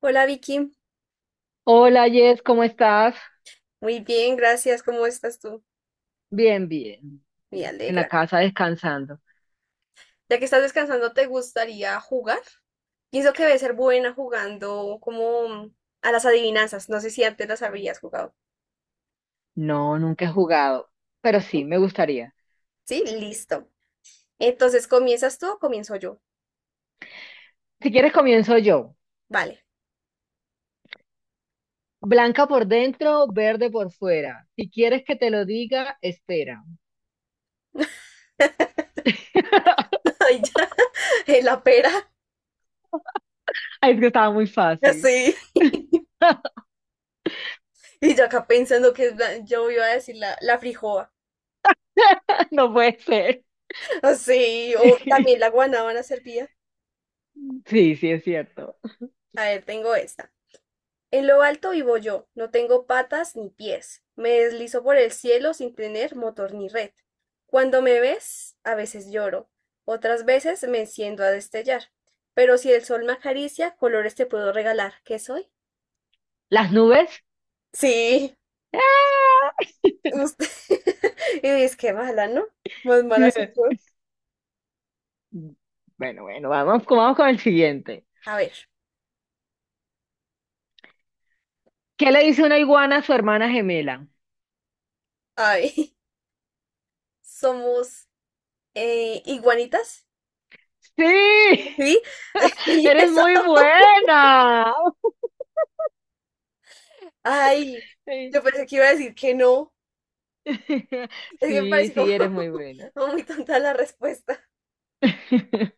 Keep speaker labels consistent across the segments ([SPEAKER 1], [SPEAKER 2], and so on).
[SPEAKER 1] Hola Vicky,
[SPEAKER 2] Hola Jess, ¿cómo estás?
[SPEAKER 1] muy bien, gracias. ¿Cómo estás tú?
[SPEAKER 2] Bien, bien.
[SPEAKER 1] Me
[SPEAKER 2] En la
[SPEAKER 1] alegra.
[SPEAKER 2] casa descansando.
[SPEAKER 1] Ya que estás descansando, ¿te gustaría jugar? Pienso que debe ser buena jugando como a las adivinanzas. No sé si antes las habrías jugado.
[SPEAKER 2] No, nunca he jugado, pero sí,
[SPEAKER 1] ¿No?
[SPEAKER 2] me gustaría.
[SPEAKER 1] Sí, listo. Entonces, ¿comienzas tú o comienzo yo?
[SPEAKER 2] Si quieres comienzo yo.
[SPEAKER 1] Vale.
[SPEAKER 2] Blanca por dentro, verde por fuera. Si quieres que te lo diga, espera.
[SPEAKER 1] Ay, ya, en la pera.
[SPEAKER 2] Ay, es que estaba muy fácil.
[SPEAKER 1] Así. Y yo acá pensando que es yo iba a decir la frijoa.
[SPEAKER 2] No puede ser.
[SPEAKER 1] Así. O también la guanábana servía.
[SPEAKER 2] Sí, sí, es cierto.
[SPEAKER 1] A ver, tengo esta. En lo alto vivo yo, no tengo patas ni pies, me deslizo por el cielo sin tener motor ni red. Cuando me ves, a veces lloro, otras veces me enciendo a destellar, pero si el sol me acaricia, colores te puedo regalar. ¿Qué soy?
[SPEAKER 2] ¿Las nubes?
[SPEAKER 1] Sí,
[SPEAKER 2] ¡Ah!
[SPEAKER 1] usted. Y dices, qué mala, ¿no? Más mala soy yo.
[SPEAKER 2] Bueno, bueno, vamos con el siguiente.
[SPEAKER 1] A ver,
[SPEAKER 2] ¿Qué le dice una iguana a su hermana gemela?
[SPEAKER 1] a ver, somos iguanitas,
[SPEAKER 2] Sí,
[SPEAKER 1] ¿sí? Y
[SPEAKER 2] eres
[SPEAKER 1] eso.
[SPEAKER 2] muy buena.
[SPEAKER 1] Ay,
[SPEAKER 2] Sí,
[SPEAKER 1] yo pensé que iba a decir que no. Es que me
[SPEAKER 2] sí,
[SPEAKER 1] parece como,
[SPEAKER 2] sí, eres muy buena.
[SPEAKER 1] como muy tonta la respuesta.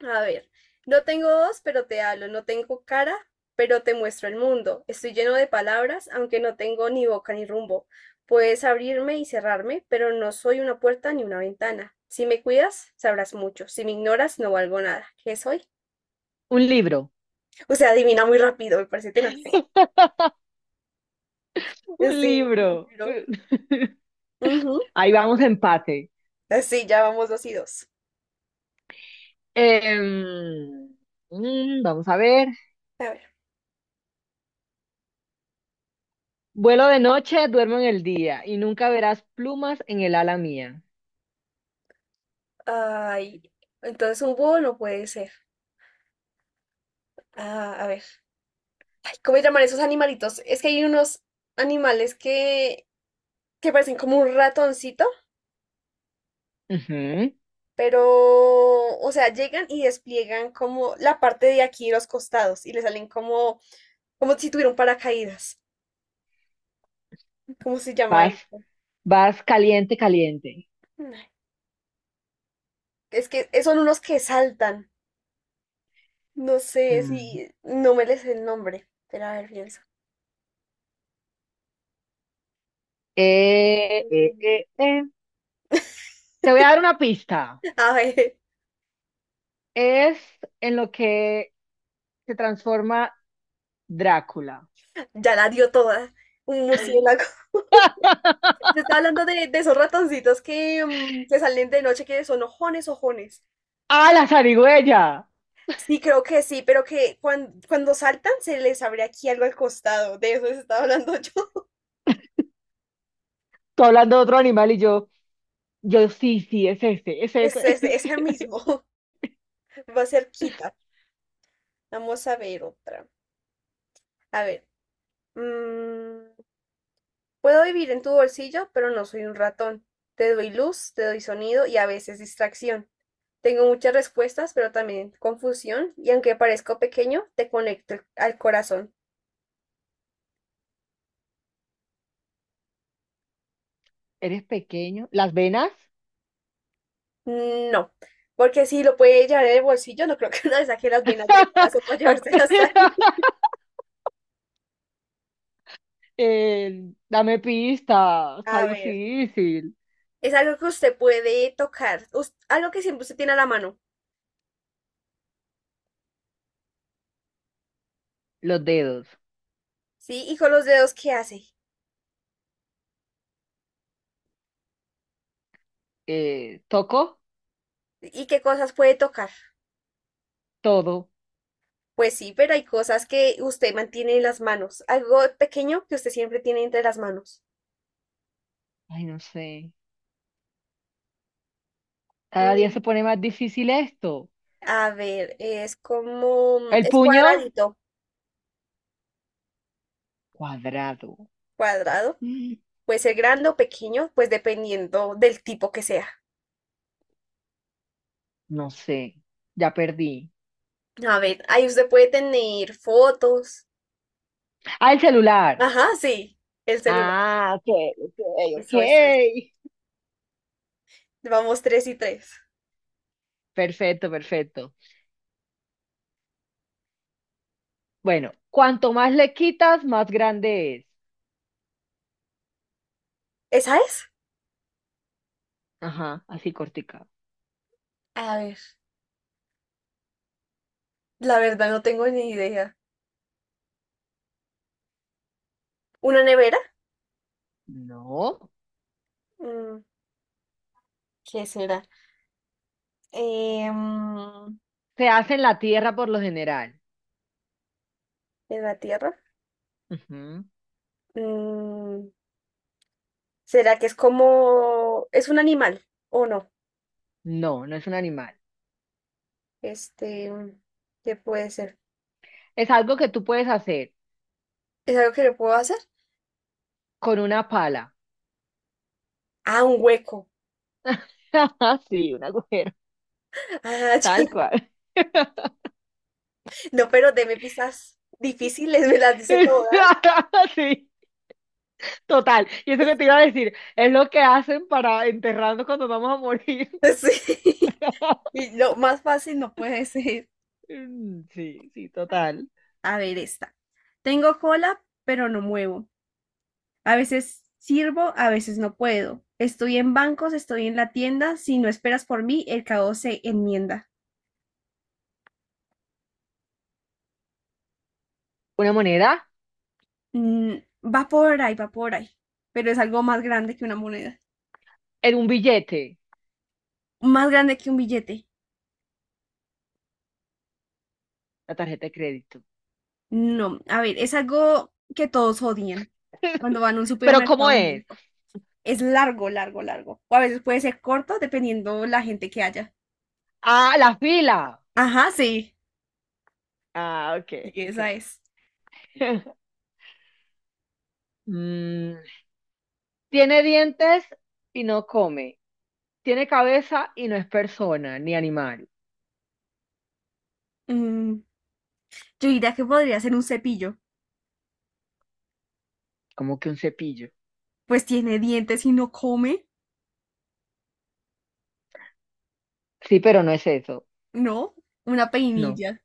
[SPEAKER 1] A ver, no tengo voz, pero te hablo, no tengo cara, pero te muestro el mundo. Estoy lleno de palabras, aunque no tengo ni boca ni rumbo. Puedes abrirme y cerrarme, pero no soy una puerta ni una ventana. Si me cuidas, sabrás mucho. Si me ignoras, no valgo nada. ¿Qué soy?
[SPEAKER 2] Un libro,
[SPEAKER 1] O sea, adivina muy rápido, me parece tenaz.
[SPEAKER 2] un
[SPEAKER 1] Sí,
[SPEAKER 2] libro.
[SPEAKER 1] pero- ujú.
[SPEAKER 2] Ahí vamos, empate.
[SPEAKER 1] Sí, ya vamos dos y dos.
[SPEAKER 2] Em, vamos a ver.
[SPEAKER 1] A ver.
[SPEAKER 2] Vuelo de noche, duermo en el día y nunca verás plumas en el ala mía.
[SPEAKER 1] Ay, entonces un búho no puede ser. Ah, a ver. ¿Cómo se llaman esos animalitos? Es que hay unos animales que parecen como un ratoncito,
[SPEAKER 2] Ujú.
[SPEAKER 1] pero, o sea, llegan y despliegan como la parte de aquí de los costados y le salen como, como si tuvieran paracaídas. ¿Cómo se llama
[SPEAKER 2] Vas,
[SPEAKER 1] eso?
[SPEAKER 2] vas caliente, caliente.
[SPEAKER 1] Es que son unos que saltan. No sé si,
[SPEAKER 2] Mm.
[SPEAKER 1] no me les sé el nombre. Espera, a ver, pienso.
[SPEAKER 2] Eh, eh, eh, eh. Te voy a dar una pista.
[SPEAKER 1] A ver,
[SPEAKER 2] Es en lo que se transforma Drácula.
[SPEAKER 1] ya la dio toda. Un murciélago.
[SPEAKER 2] ¡Ah!
[SPEAKER 1] Yo estaba hablando de esos ratoncitos que, mm, que salen de noche, que son ojones, ojones.
[SPEAKER 2] ¡Ah, la zarigüeya!
[SPEAKER 1] Sí, creo que sí, pero que cuando saltan se les abre aquí algo al costado. De eso les estaba hablando yo.
[SPEAKER 2] Tú hablando de otro animal y yo sí, sí, es ese, es
[SPEAKER 1] Es
[SPEAKER 2] ese.
[SPEAKER 1] ese, ese mismo. Va cerquita. Vamos a ver otra. A ver. Mm, puedo vivir en tu bolsillo, pero no soy un ratón. Te doy luz, te doy sonido y a veces distracción. Tengo muchas respuestas, pero también confusión. Y aunque parezco pequeño, te conecto al corazón.
[SPEAKER 2] Eres pequeño. ¿Las venas?
[SPEAKER 1] No, porque si lo puede llevar en el bolsillo, no creo que no le saque las venas del brazo para
[SPEAKER 2] Pa-
[SPEAKER 1] llevárselas ahí.
[SPEAKER 2] Dame pista, está
[SPEAKER 1] A ver,
[SPEAKER 2] difícil.
[SPEAKER 1] es algo que usted puede tocar, algo que siempre usted tiene a la mano,
[SPEAKER 2] Los dedos.
[SPEAKER 1] ¿sí? Y con los dedos, ¿qué hace?
[SPEAKER 2] ¿Toco?
[SPEAKER 1] ¿Y qué cosas puede tocar?
[SPEAKER 2] Todo.
[SPEAKER 1] Pues sí, pero hay cosas que usted mantiene en las manos, algo pequeño que usted siempre tiene entre las manos.
[SPEAKER 2] Ay, no sé. Cada día se
[SPEAKER 1] Mm,
[SPEAKER 2] pone más difícil esto.
[SPEAKER 1] a ver, es como, mm,
[SPEAKER 2] ¿El
[SPEAKER 1] es
[SPEAKER 2] puño?
[SPEAKER 1] cuadradito,
[SPEAKER 2] Cuadrado.
[SPEAKER 1] cuadrado,
[SPEAKER 2] Mm,
[SPEAKER 1] puede ser grande o pequeño, pues dependiendo del tipo que sea.
[SPEAKER 2] No sé. Ya perdí.
[SPEAKER 1] A ver, ahí usted puede tener fotos.
[SPEAKER 2] Al celular.
[SPEAKER 1] Ajá, sí, el celular.
[SPEAKER 2] Ah, ok, ok, ok.
[SPEAKER 1] Eso, eso. Vamos tres y tres.
[SPEAKER 2] Perfecto, perfecto. Bueno, cuanto más le quitas, más grande es.
[SPEAKER 1] ¿Esa es?
[SPEAKER 2] Ajá, así cortica.
[SPEAKER 1] A ver, la verdad no tengo ni idea. ¿Una nevera?
[SPEAKER 2] No.
[SPEAKER 1] Mm, ¿qué será? Eh, mm,
[SPEAKER 2] Se hace en la tierra por lo general.
[SPEAKER 1] ¿En la tierra?
[SPEAKER 2] Ujú.
[SPEAKER 1] Mm, ¿será que es como... es un animal o no?
[SPEAKER 2] No, no es un animal.
[SPEAKER 1] Este, mm, ¿Qué puede ser?
[SPEAKER 2] Es algo que tú puedes hacer
[SPEAKER 1] ¿Es algo que le puedo hacer?
[SPEAKER 2] con una pala.
[SPEAKER 1] Ah, un hueco.
[SPEAKER 2] Sí, un agujero,
[SPEAKER 1] Ah,
[SPEAKER 2] tal
[SPEAKER 1] ya.
[SPEAKER 2] cual.
[SPEAKER 1] No, pero deme pistas difíciles, me las dice todas.
[SPEAKER 2] Sí, total. Y eso que te iba a decir, es lo que hacen para enterrarnos cuando vamos a morir.
[SPEAKER 1] Sí. Y lo más fácil no puede ser.
[SPEAKER 2] Mm, sí, sí, total.
[SPEAKER 1] A ver, esta. Tengo cola, pero no muevo. A veces sirvo, a veces no puedo. Estoy en bancos, estoy en la tienda. Si no esperas por mí, el caos se enmienda.
[SPEAKER 2] Una moneda
[SPEAKER 1] Mm, va por ahí, va por ahí. Pero es algo más grande que una moneda.
[SPEAKER 2] en un billete,
[SPEAKER 1] Más grande que un billete.
[SPEAKER 2] la tarjeta de crédito.
[SPEAKER 1] No, a ver, es algo que todos odian cuando van a un
[SPEAKER 2] Pero ¿cómo
[SPEAKER 1] supermercado. A un
[SPEAKER 2] es?
[SPEAKER 1] banco. Es largo, largo, largo. O a veces puede ser corto dependiendo la gente que haya.
[SPEAKER 2] Ah, la fila.
[SPEAKER 1] Ajá, sí.
[SPEAKER 2] Ah, ok,
[SPEAKER 1] Sí, esa
[SPEAKER 2] ok.
[SPEAKER 1] es.
[SPEAKER 2] Mm, tiene dientes y no come. Tiene cabeza y no es persona ni animal.
[SPEAKER 1] Mm, yo diría que podría ser un cepillo.
[SPEAKER 2] Como que un cepillo.
[SPEAKER 1] Pues tiene dientes y no come.
[SPEAKER 2] Sí, pero no es eso.
[SPEAKER 1] No, una
[SPEAKER 2] No,
[SPEAKER 1] peinilla,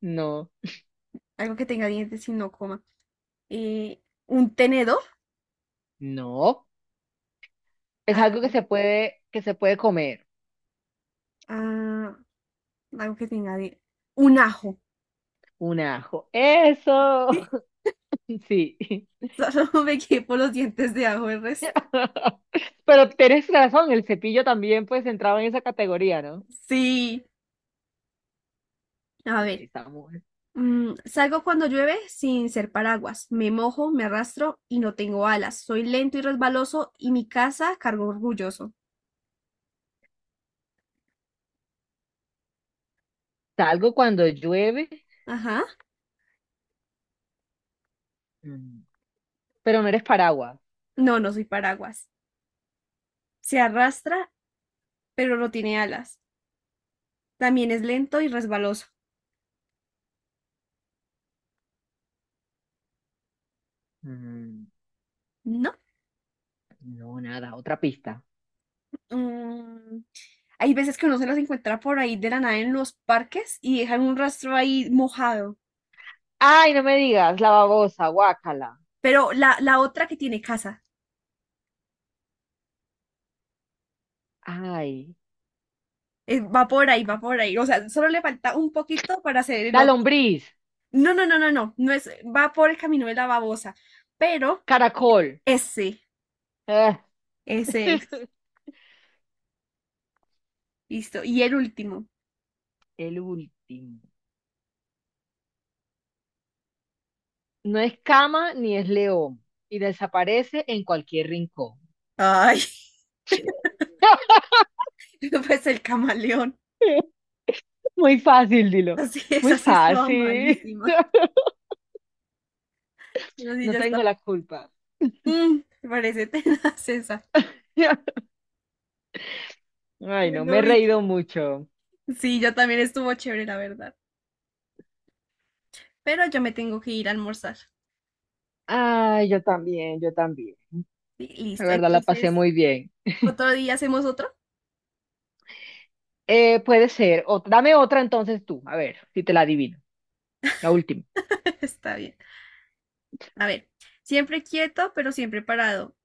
[SPEAKER 2] no,
[SPEAKER 1] algo que tenga dientes y no coma. Eh, un tenedor,
[SPEAKER 2] no. Es algo
[SPEAKER 1] algo,
[SPEAKER 2] que se puede comer.
[SPEAKER 1] ah, algo que tenga dientes. Un ajo.
[SPEAKER 2] Un ajo. Eso. Sí.
[SPEAKER 1] Solo me quedé por los dientes de ajo el resto.
[SPEAKER 2] Pero tienes razón, el cepillo también pues entraba en esa categoría, ¿no?
[SPEAKER 1] Sí, a
[SPEAKER 2] Sí, sí,
[SPEAKER 1] ver.
[SPEAKER 2] está muy-
[SPEAKER 1] Mm, salgo cuando llueve sin ser paraguas. Me mojo, me arrastro y no tengo alas. Soy lento y resbaloso y mi casa cargo orgulloso.
[SPEAKER 2] Salgo cuando llueve,
[SPEAKER 1] Ajá.
[SPEAKER 2] mm, pero no eres paraguas.
[SPEAKER 1] No, no soy paraguas. Se arrastra, pero no tiene alas. También es lento y resbaloso.
[SPEAKER 2] Mm,
[SPEAKER 1] ¿No?
[SPEAKER 2] No, nada, otra pista.
[SPEAKER 1] Mm, hay veces que uno se las encuentra por ahí de la nada en los parques y dejan un rastro ahí mojado.
[SPEAKER 2] Ay, no me digas, la babosa, guácala.
[SPEAKER 1] Pero la otra que tiene casa,
[SPEAKER 2] Ay,
[SPEAKER 1] va por ahí, va por ahí. O sea, solo le falta un poquito para hacer el
[SPEAKER 2] la
[SPEAKER 1] otro.
[SPEAKER 2] lombriz,
[SPEAKER 1] No, no, no, no, no. No es, va por el camino de la babosa. Pero
[SPEAKER 2] caracol.
[SPEAKER 1] ese,
[SPEAKER 2] Ah,
[SPEAKER 1] ese es. Listo. Y el último.
[SPEAKER 2] el último. No es cama ni es león y desaparece en cualquier rincón.
[SPEAKER 1] Ay, pues el camaleón.
[SPEAKER 2] Muy fácil, dilo.
[SPEAKER 1] Así es,
[SPEAKER 2] Muy
[SPEAKER 1] así estaba
[SPEAKER 2] fácil.
[SPEAKER 1] malísima. Así
[SPEAKER 2] No
[SPEAKER 1] ya está.
[SPEAKER 2] tengo la culpa.
[SPEAKER 1] Mm, me parece tenaz esa.
[SPEAKER 2] Ay, no, me
[SPEAKER 1] Bueno,
[SPEAKER 2] he
[SPEAKER 1] Vicky.
[SPEAKER 2] reído mucho.
[SPEAKER 1] Sí, yo también estuvo chévere, la verdad. Pero yo me tengo que ir a almorzar.
[SPEAKER 2] Ay, yo también, yo también.
[SPEAKER 1] Sí,
[SPEAKER 2] La
[SPEAKER 1] listo.
[SPEAKER 2] verdad la pasé
[SPEAKER 1] Entonces,
[SPEAKER 2] muy bien.
[SPEAKER 1] otro día hacemos otro.
[SPEAKER 2] Puede ser. Dame otra entonces tú, a ver si te la adivino. La última.
[SPEAKER 1] Está bien. A ver, siempre quieto, pero siempre parado.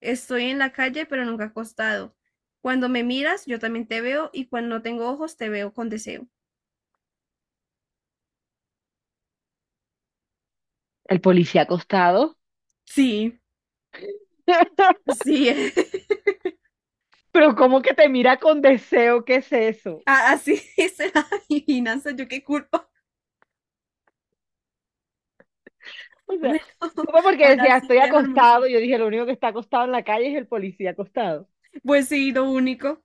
[SPEAKER 1] Estoy en la calle, pero nunca acostado. Cuando me miras, yo también te veo y cuando no tengo ojos, te veo con deseo.
[SPEAKER 2] El policía acostado.
[SPEAKER 1] Sí, sí.
[SPEAKER 2] Pero ¿cómo que te mira con deseo? ¿Qué es eso?
[SPEAKER 1] Así es la adivinanza. Yo qué culpa.
[SPEAKER 2] O
[SPEAKER 1] Bueno,
[SPEAKER 2] sea, supe porque
[SPEAKER 1] ahora
[SPEAKER 2] decía,
[SPEAKER 1] sí
[SPEAKER 2] estoy
[SPEAKER 1] te voy a almorzar.
[SPEAKER 2] acostado. Yo dije, lo único que está acostado en la calle es el policía acostado.
[SPEAKER 1] Pues sí, lo único.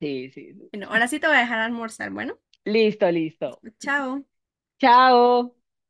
[SPEAKER 2] Sí, sí,
[SPEAKER 1] Bueno,
[SPEAKER 2] sí.
[SPEAKER 1] ahora sí te voy a dejar almorzar. Bueno,
[SPEAKER 2] Listo, listo.
[SPEAKER 1] chao.
[SPEAKER 2] Chao.